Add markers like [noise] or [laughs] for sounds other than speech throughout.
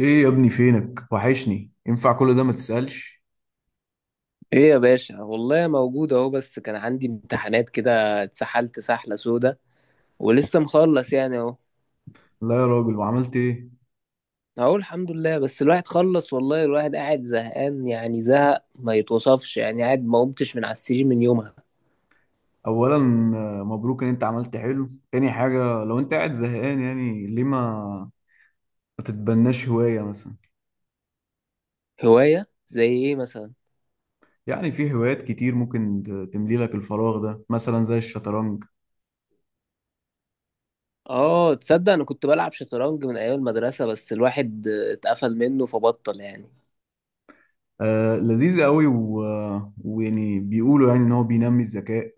ايه يا ابني، فينك؟ وحشني. ينفع كل ده؟ ما تسألش. ايه يا باشا، والله موجود اهو. بس كان عندي امتحانات كده، اتسحلت سحلة سودا ولسه مخلص يعني اهو. لا يا راجل، وعملت ايه؟ اهو الحمد لله. بس الواحد خلص والله. الواحد قاعد زهقان يعني، زهق ما يتوصفش يعني. قاعد ما قمتش من على السرير من يومها. اولا، مبروك ان انت عملت حلو. تاني حاجة، لو انت قاعد زهقان يعني ليه ما تتبناش هواية مثلا؟ هواية زي ايه مثلا؟ يعني في هوايات كتير ممكن تملي لك الفراغ ده، مثلا زي الشطرنج. اه تصدق انا كنت بلعب شطرنج من ايام المدرسة، بس الواحد اتقفل منه فبطل يعني. آه لذيذ قوي و... آه، ويعني بيقولوا يعني ان هو بينمي الذكاء،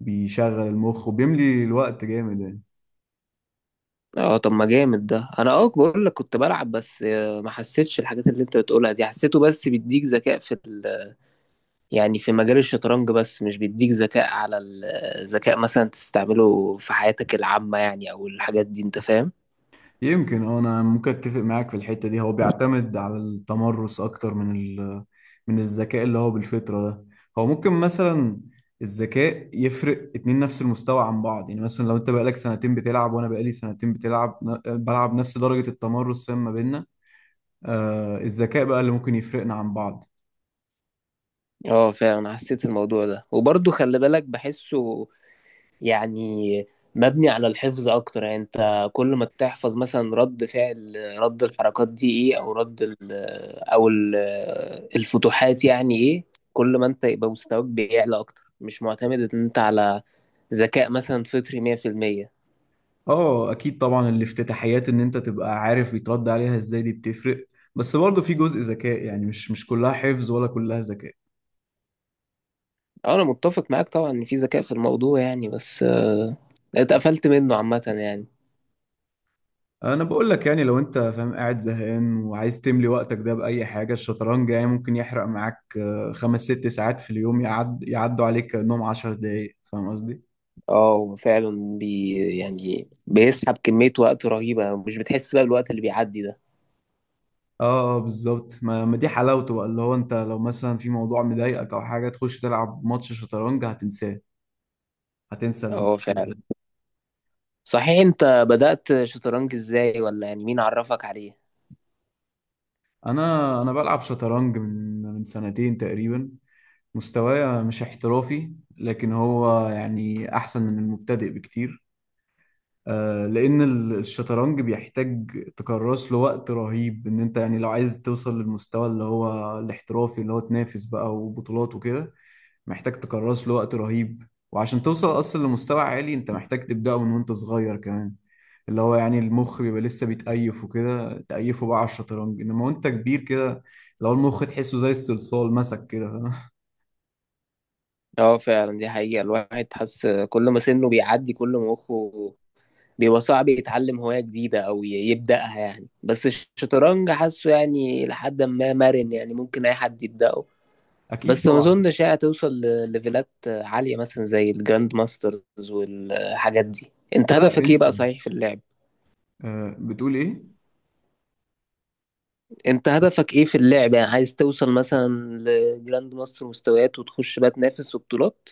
بيشغل المخ وبيملي الوقت جامد يعني. اه طب ما جامد ده. انا اه بقول لك كنت بلعب. بس ما حسيتش الحاجات اللي انت بتقولها دي. حسيته بس بيديك ذكاء في يعني في مجال الشطرنج، بس مش بيديك ذكاء على الذكاء مثلا تستعمله في حياتك العامة يعني، أو الحاجات دي. أنت فاهم؟ يمكن، انا ممكن اتفق معاك في الحته دي، هو بيعتمد على التمرس اكتر من من الذكاء اللي هو بالفطره ده. هو ممكن مثلا الذكاء يفرق اتنين نفس المستوى عن بعض، يعني مثلا لو انت بقالك سنتين بتلعب وانا بقالي سنتين بتلعب، بلعب نفس درجه التمرس، فاهم ما بيننا. آه، الذكاء بقى اللي ممكن يفرقنا عن بعض. اه فعلا حسيت الموضوع ده، وبرضه خلي بالك بحسه يعني مبني على الحفظ أكتر. يعني أنت كل ما تحفظ مثلا رد فعل، رد الحركات دي إيه، أو رد ال الفتوحات يعني إيه، كل ما أنت يبقى مستواك بيعلى أكتر، مش معتمد إن أنت على ذكاء مثلا فطري 100%. اه اكيد طبعا، الافتتاحيات ان انت تبقى عارف يترد عليها ازاي دي بتفرق، بس برضه في جزء ذكاء يعني، مش كلها حفظ ولا كلها ذكاء. اه انا متفق معاك طبعا ان في ذكاء في الموضوع يعني. بس اتقفلت منه عامة يعني. انا بقول لك يعني، لو انت فاهم قاعد زهقان وعايز تملي وقتك ده باي حاجه، الشطرنج يعني ممكن يحرق معاك خمس ست ساعات في اليوم، يعد يعدوا عليك كأنهم 10 دقايق، فاهم قصدي؟ اه هو فعلا يعني بيسحب كمية وقت رهيبة. مش بتحس بقى بالوقت اللي بيعدي ده. اه. بالظبط، ما دي حلاوته بقى، اللي هو انت لو مثلا في موضوع مضايقك او حاجه تخش تلعب ماتش شطرنج هتنساه، هتنسى اه المشكله فعلا. يعني. صحيح، انت بدأت شطرنج ازاي، ولا يعني مين عرفك عليه؟ انا بلعب شطرنج من سنتين تقريبا. مستواي مش احترافي، لكن هو يعني احسن من المبتدئ بكتير. لان الشطرنج بيحتاج تكرس له وقت رهيب، ان انت يعني لو عايز توصل للمستوى اللي هو الاحترافي، اللي هو تنافس بقى وبطولات وكده، محتاج تكرس له وقت رهيب. وعشان توصل اصلا لمستوى عالي انت محتاج تبدأه من وانت صغير كمان، اللي هو يعني المخ بيبقى لسه بيتأيف وكده، تأيفه بقى على الشطرنج. انما وانت كبير كده، لو المخ تحسه زي الصلصال مسك كده. اه فعلا دي حقيقة. الواحد حس كل ما سنه بيعدي، كل ما مخه بيبقى صعب يتعلم هواية جديدة أو يبدأها يعني. بس الشطرنج حاسه يعني لحد ما مرن، يعني ممكن أي حد يبدأه. [laughs] اكيد بس ما طبعا. اظنش هي هتوصل لليفلات عالية مثلا زي الجراند ماسترز والحاجات دي. انت لا هدفك ايه بقى، انسى. صحيح، في اللعب؟ أه، بتقول ايه؟ انت هدفك ايه في اللعب؟ يعني عايز توصل مثلا لجراند ماستر، مستويات وتخش بقى تنافس وبطولات؟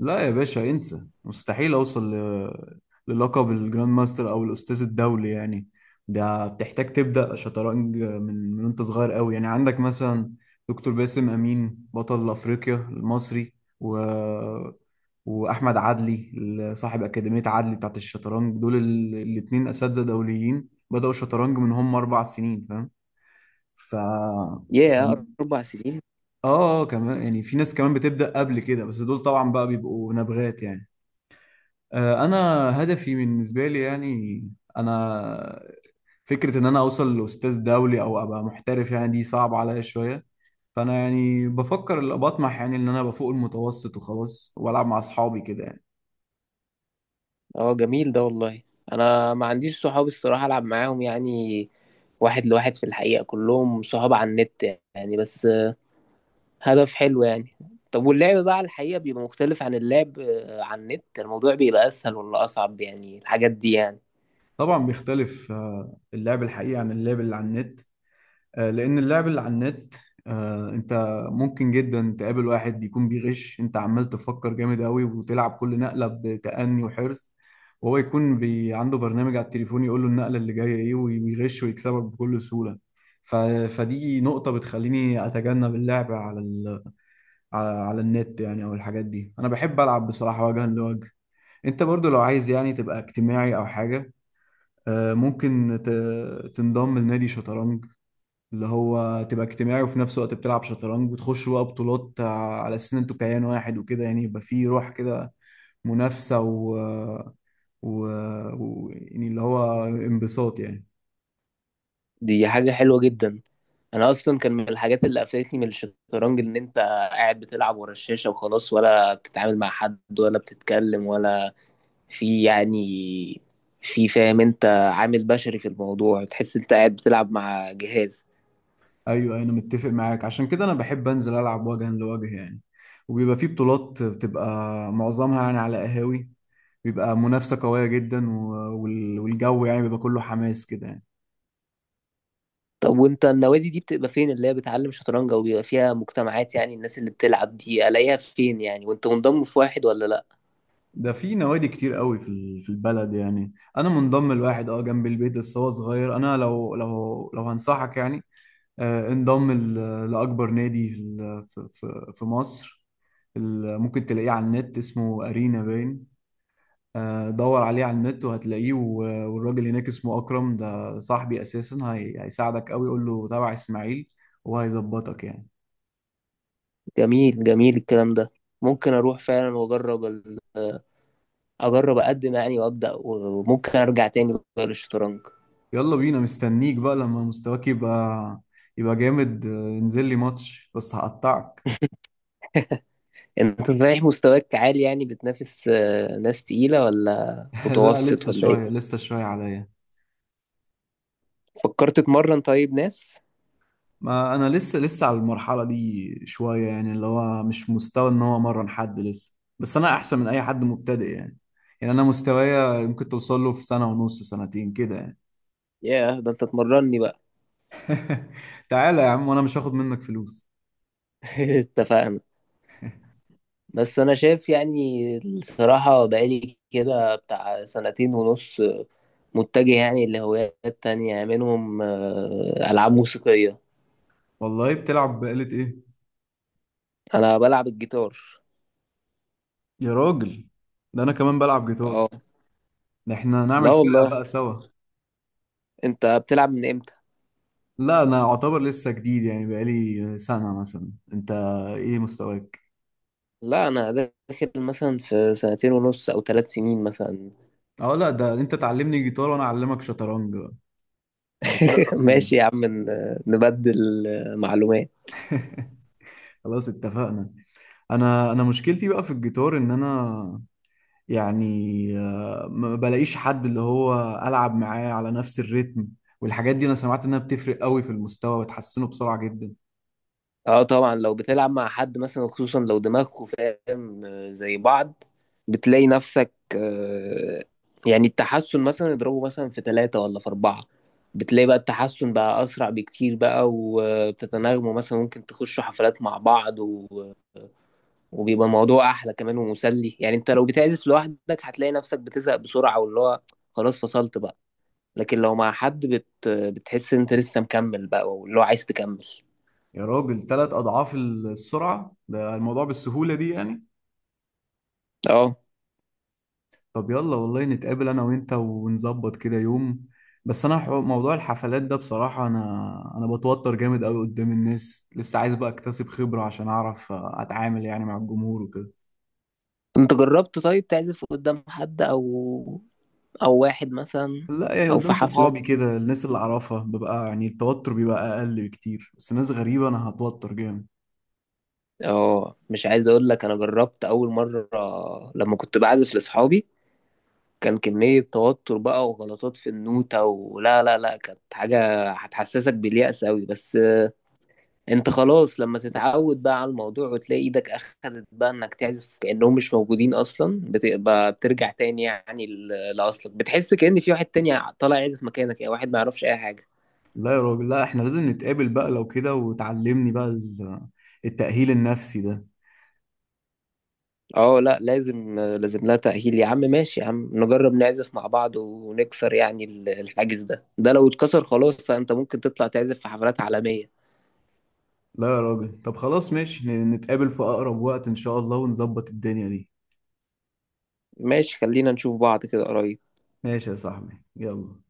لا يا باشا، انسى، مستحيل اوصل للقب الجراند ماستر او الاستاذ الدولي يعني. ده بتحتاج تبدا شطرنج من وانت صغير قوي، يعني عندك مثلا دكتور باسم امين بطل افريقيا المصري، و... واحمد عدلي صاحب اكاديميه عدلي بتاعت الشطرنج، دول الاتنين اساتذه دوليين بداوا شطرنج من هم 4 سنين، فاهم؟ ف اه ياه، اربع سنين. آه، كمان يعني في ناس كمان بتبدا قبل كده، بس دول طبعا بقى بيبقوا نبغات يعني. انا، هدفي بالنسبه لي يعني، انا فكره ان انا اوصل لاستاذ دولي او ابقى محترف يعني دي صعبه عليا شويه. فانا يعني بفكر، اللي بطمح يعني ان انا ابقى فوق المتوسط وخلاص، والعب مع اصحابي كده يعني. اه جميل ده والله. انا ما عنديش صحاب الصراحة العب معاهم يعني واحد لواحد في الحقيقة. كلهم صحاب على النت يعني. بس هدف حلو يعني. طب واللعب بقى على الحقيقة بيبقى مختلف عن اللعب على النت؟ الموضوع بيبقى أسهل ولا أصعب يعني الحاجات دي يعني؟ طبعا بيختلف اللعب الحقيقي عن اللعب اللي على النت. لأن اللعب اللي على النت، أنت ممكن جدا تقابل واحد يكون بيغش. أنت عمال تفكر جامد قوي وتلعب كل نقلة بتأني وحرص، وهو يكون عنده برنامج على التليفون يقول له النقلة اللي جاية إيه، ويغش ويكسبك بكل سهولة. ف... فدي نقطة بتخليني أتجنب اللعب على ال... على على النت يعني، أو الحاجات دي. أنا بحب ألعب بصراحة وجها لوجه. أنت برضو لو عايز يعني تبقى اجتماعي أو حاجة، ممكن تنضم لنادي شطرنج، اللي هو تبقى اجتماعي وفي نفس الوقت بتلعب شطرنج وتخش بقى بطولات، على أساس إن أنتوا كيان واحد وكده يعني، يبقى فيه روح كده منافسة و... يعني اللي هو انبساط يعني. دي حاجة حلوة جدا. أنا أصلا كان من الحاجات اللي قفلتني من الشطرنج إن أنت قاعد بتلعب ورا الشاشة وخلاص، ولا بتتعامل مع حد، ولا بتتكلم، ولا في يعني، في فاهم، أنت عامل بشري في الموضوع. تحس أنت قاعد بتلعب مع جهاز. أيوه، أيوه، أنا متفق معاك، عشان كده أنا بحب أنزل ألعب وجها لوجه يعني. وبيبقى فيه بطولات، بتبقى معظمها يعني على قهاوي، بيبقى منافسة قوية جدا والجو يعني بيبقى كله حماس كده يعني. طب وانت النوادي دي بتبقى فين، اللي هي بتعلم شطرنج او بيبقى فيها مجتمعات يعني الناس اللي بتلعب دي الاقيها فين يعني؟ وانت منضم في واحد ولا لا؟ ده في نوادي كتير قوي في في البلد يعني. انا منضم لواحد اه جنب البيت بس هو صغير. انا لو هنصحك يعني، انضم لاكبر نادي في في مصر. ممكن تلاقيه على النت، اسمه ارينا باين. دور عليه على النت وهتلاقيه، والراجل هناك اسمه اكرم، ده صاحبي اساسا. هيساعدك قوي. قول له تابع اسماعيل، وهيظبطك يعني. جميل جميل الكلام ده. ممكن اروح فعلا واجرب ال... آه، اجرب اقدم يعني وابدا، وممكن ارجع تاني بقى للشطرنج. يلا بينا، مستنيك بقى لما مستواك يبقى يبقى جامد. انزل لي ماتش بس هقطعك. انت رايح مستواك عالي يعني، بتنافس ناس تقيلة ولا [laughs] لا، متوسط لسه ولا ايه؟ شوية، لسه شوية عليا. فكرت تتمرن طيب ناس؟ ما أنا لسه على المرحلة دي شوية يعني، اللي هو مش مستوى إن هو أمرن حد لسه، بس أنا أحسن من أي حد مبتدئ يعني. يعني أنا مستوايا ممكن توصل له في سنة ونص، سنتين كده يعني. ياه ده انت تمرني بقى. [laughs] تعالى يا عم، وأنا مش هاخد منك فلوس. [laughs] اتفقنا. بس انا شايف يعني الصراحة بقالي كده بتاع سنتين ونص متجه يعني لهوايات تانية، منهم العاب موسيقية. والله، بتلعب بآلة إيه؟ انا بلعب الجيتار. يا راجل، ده أنا كمان بلعب جيتار. اه ده إحنا لا نعمل فرقة والله. بقى سوا. انت بتلعب من امتى؟ لا أنا أعتبر لسه جديد يعني، بقالي سنة مثلا. أنت إيه مستواك؟ لا انا داخل مثلا في سنتين ونص او ثلاث سنين مثلا. اه لا، ده انت تعلمني جيتار وانا اعلمك شطرنج، يبقى كده [laughs] 50. ماشي يا عم، نبدل معلومات. [laughs] خلاص اتفقنا. انا مشكلتي بقى في الجيتار، ان انا يعني ما بلاقيش حد اللي هو العب معاه على نفس الريتم، والحاجات دي انا سمعت انها بتفرق قوي في المستوى، بتحسنه بسرعة جدا. اه طبعا، لو بتلعب مع حد مثلا، خصوصا لو دماغكوا فاهم زي بعض، بتلاقي نفسك يعني التحسن مثلا اضربه مثلا في ثلاثة ولا في أربعة. بتلاقي بقى التحسن بقى أسرع بكتير بقى، وبتتناغموا، مثلا ممكن تخشوا حفلات مع بعض و... وبيبقى الموضوع أحلى كمان ومسلي يعني. أنت لو بتعزف لوحدك هتلاقي نفسك بتزهق بسرعة، واللي هو خلاص فصلت بقى. لكن لو مع حد بتحس إن أنت لسه مكمل بقى، واللي هو عايز تكمل. يا راجل، 3 اضعاف السرعة؟ ده الموضوع بالسهولة دي يعني! اه طب يلا، والله نتقابل انا وانت ونظبط كده يوم. بس انا، موضوع الحفلات ده بصراحة، انا بتوتر جامد قوي قدام الناس، لسه عايز بقى اكتسب خبرة عشان اعرف اتعامل يعني مع الجمهور وكده. انت جربت طيب تعزف قدام حد او او واحد مثلا لا يعني او في قدام حفلة؟ صحابي كده، الناس اللي اعرفها ببقى يعني التوتر بيبقى اقل بكتير، بس ناس غريبة انا هتوتر جامد. اه مش عايز اقول لك، انا جربت اول مرة لما كنت بعزف لاصحابي، كان كمية توتر بقى وغلطات في النوتة، ولا لا لا، كانت حاجة هتحسسك باليأس أوي. بس انت خلاص لما تتعود بقى على الموضوع، وتلاقي ايدك اخدت بقى انك تعزف كأنهم مش موجودين اصلا، بتبقى بترجع تاني يعني لأصلك. بتحس كأن في واحد تاني طالع يعزف مكانك يعني، واحد ما يعرفش اي حاجة. لا يا راجل، لا، احنا لازم نتقابل بقى لو كده وتعلمني بقى التأهيل النفسي ده. اه لا لازم لازم لها تأهيل يا عم. ماشي يا عم، نجرب نعزف مع بعض، ونكسر يعني الحاجز ده. ده لو اتكسر خلاص انت ممكن تطلع تعزف في حفلات عالمية. لا يا راجل، طب خلاص ماشي، نتقابل في اقرب وقت ان شاء الله ونظبط الدنيا دي. ماشي، خلينا نشوف بعض كده قريب. ماشي يا صاحبي، يلا.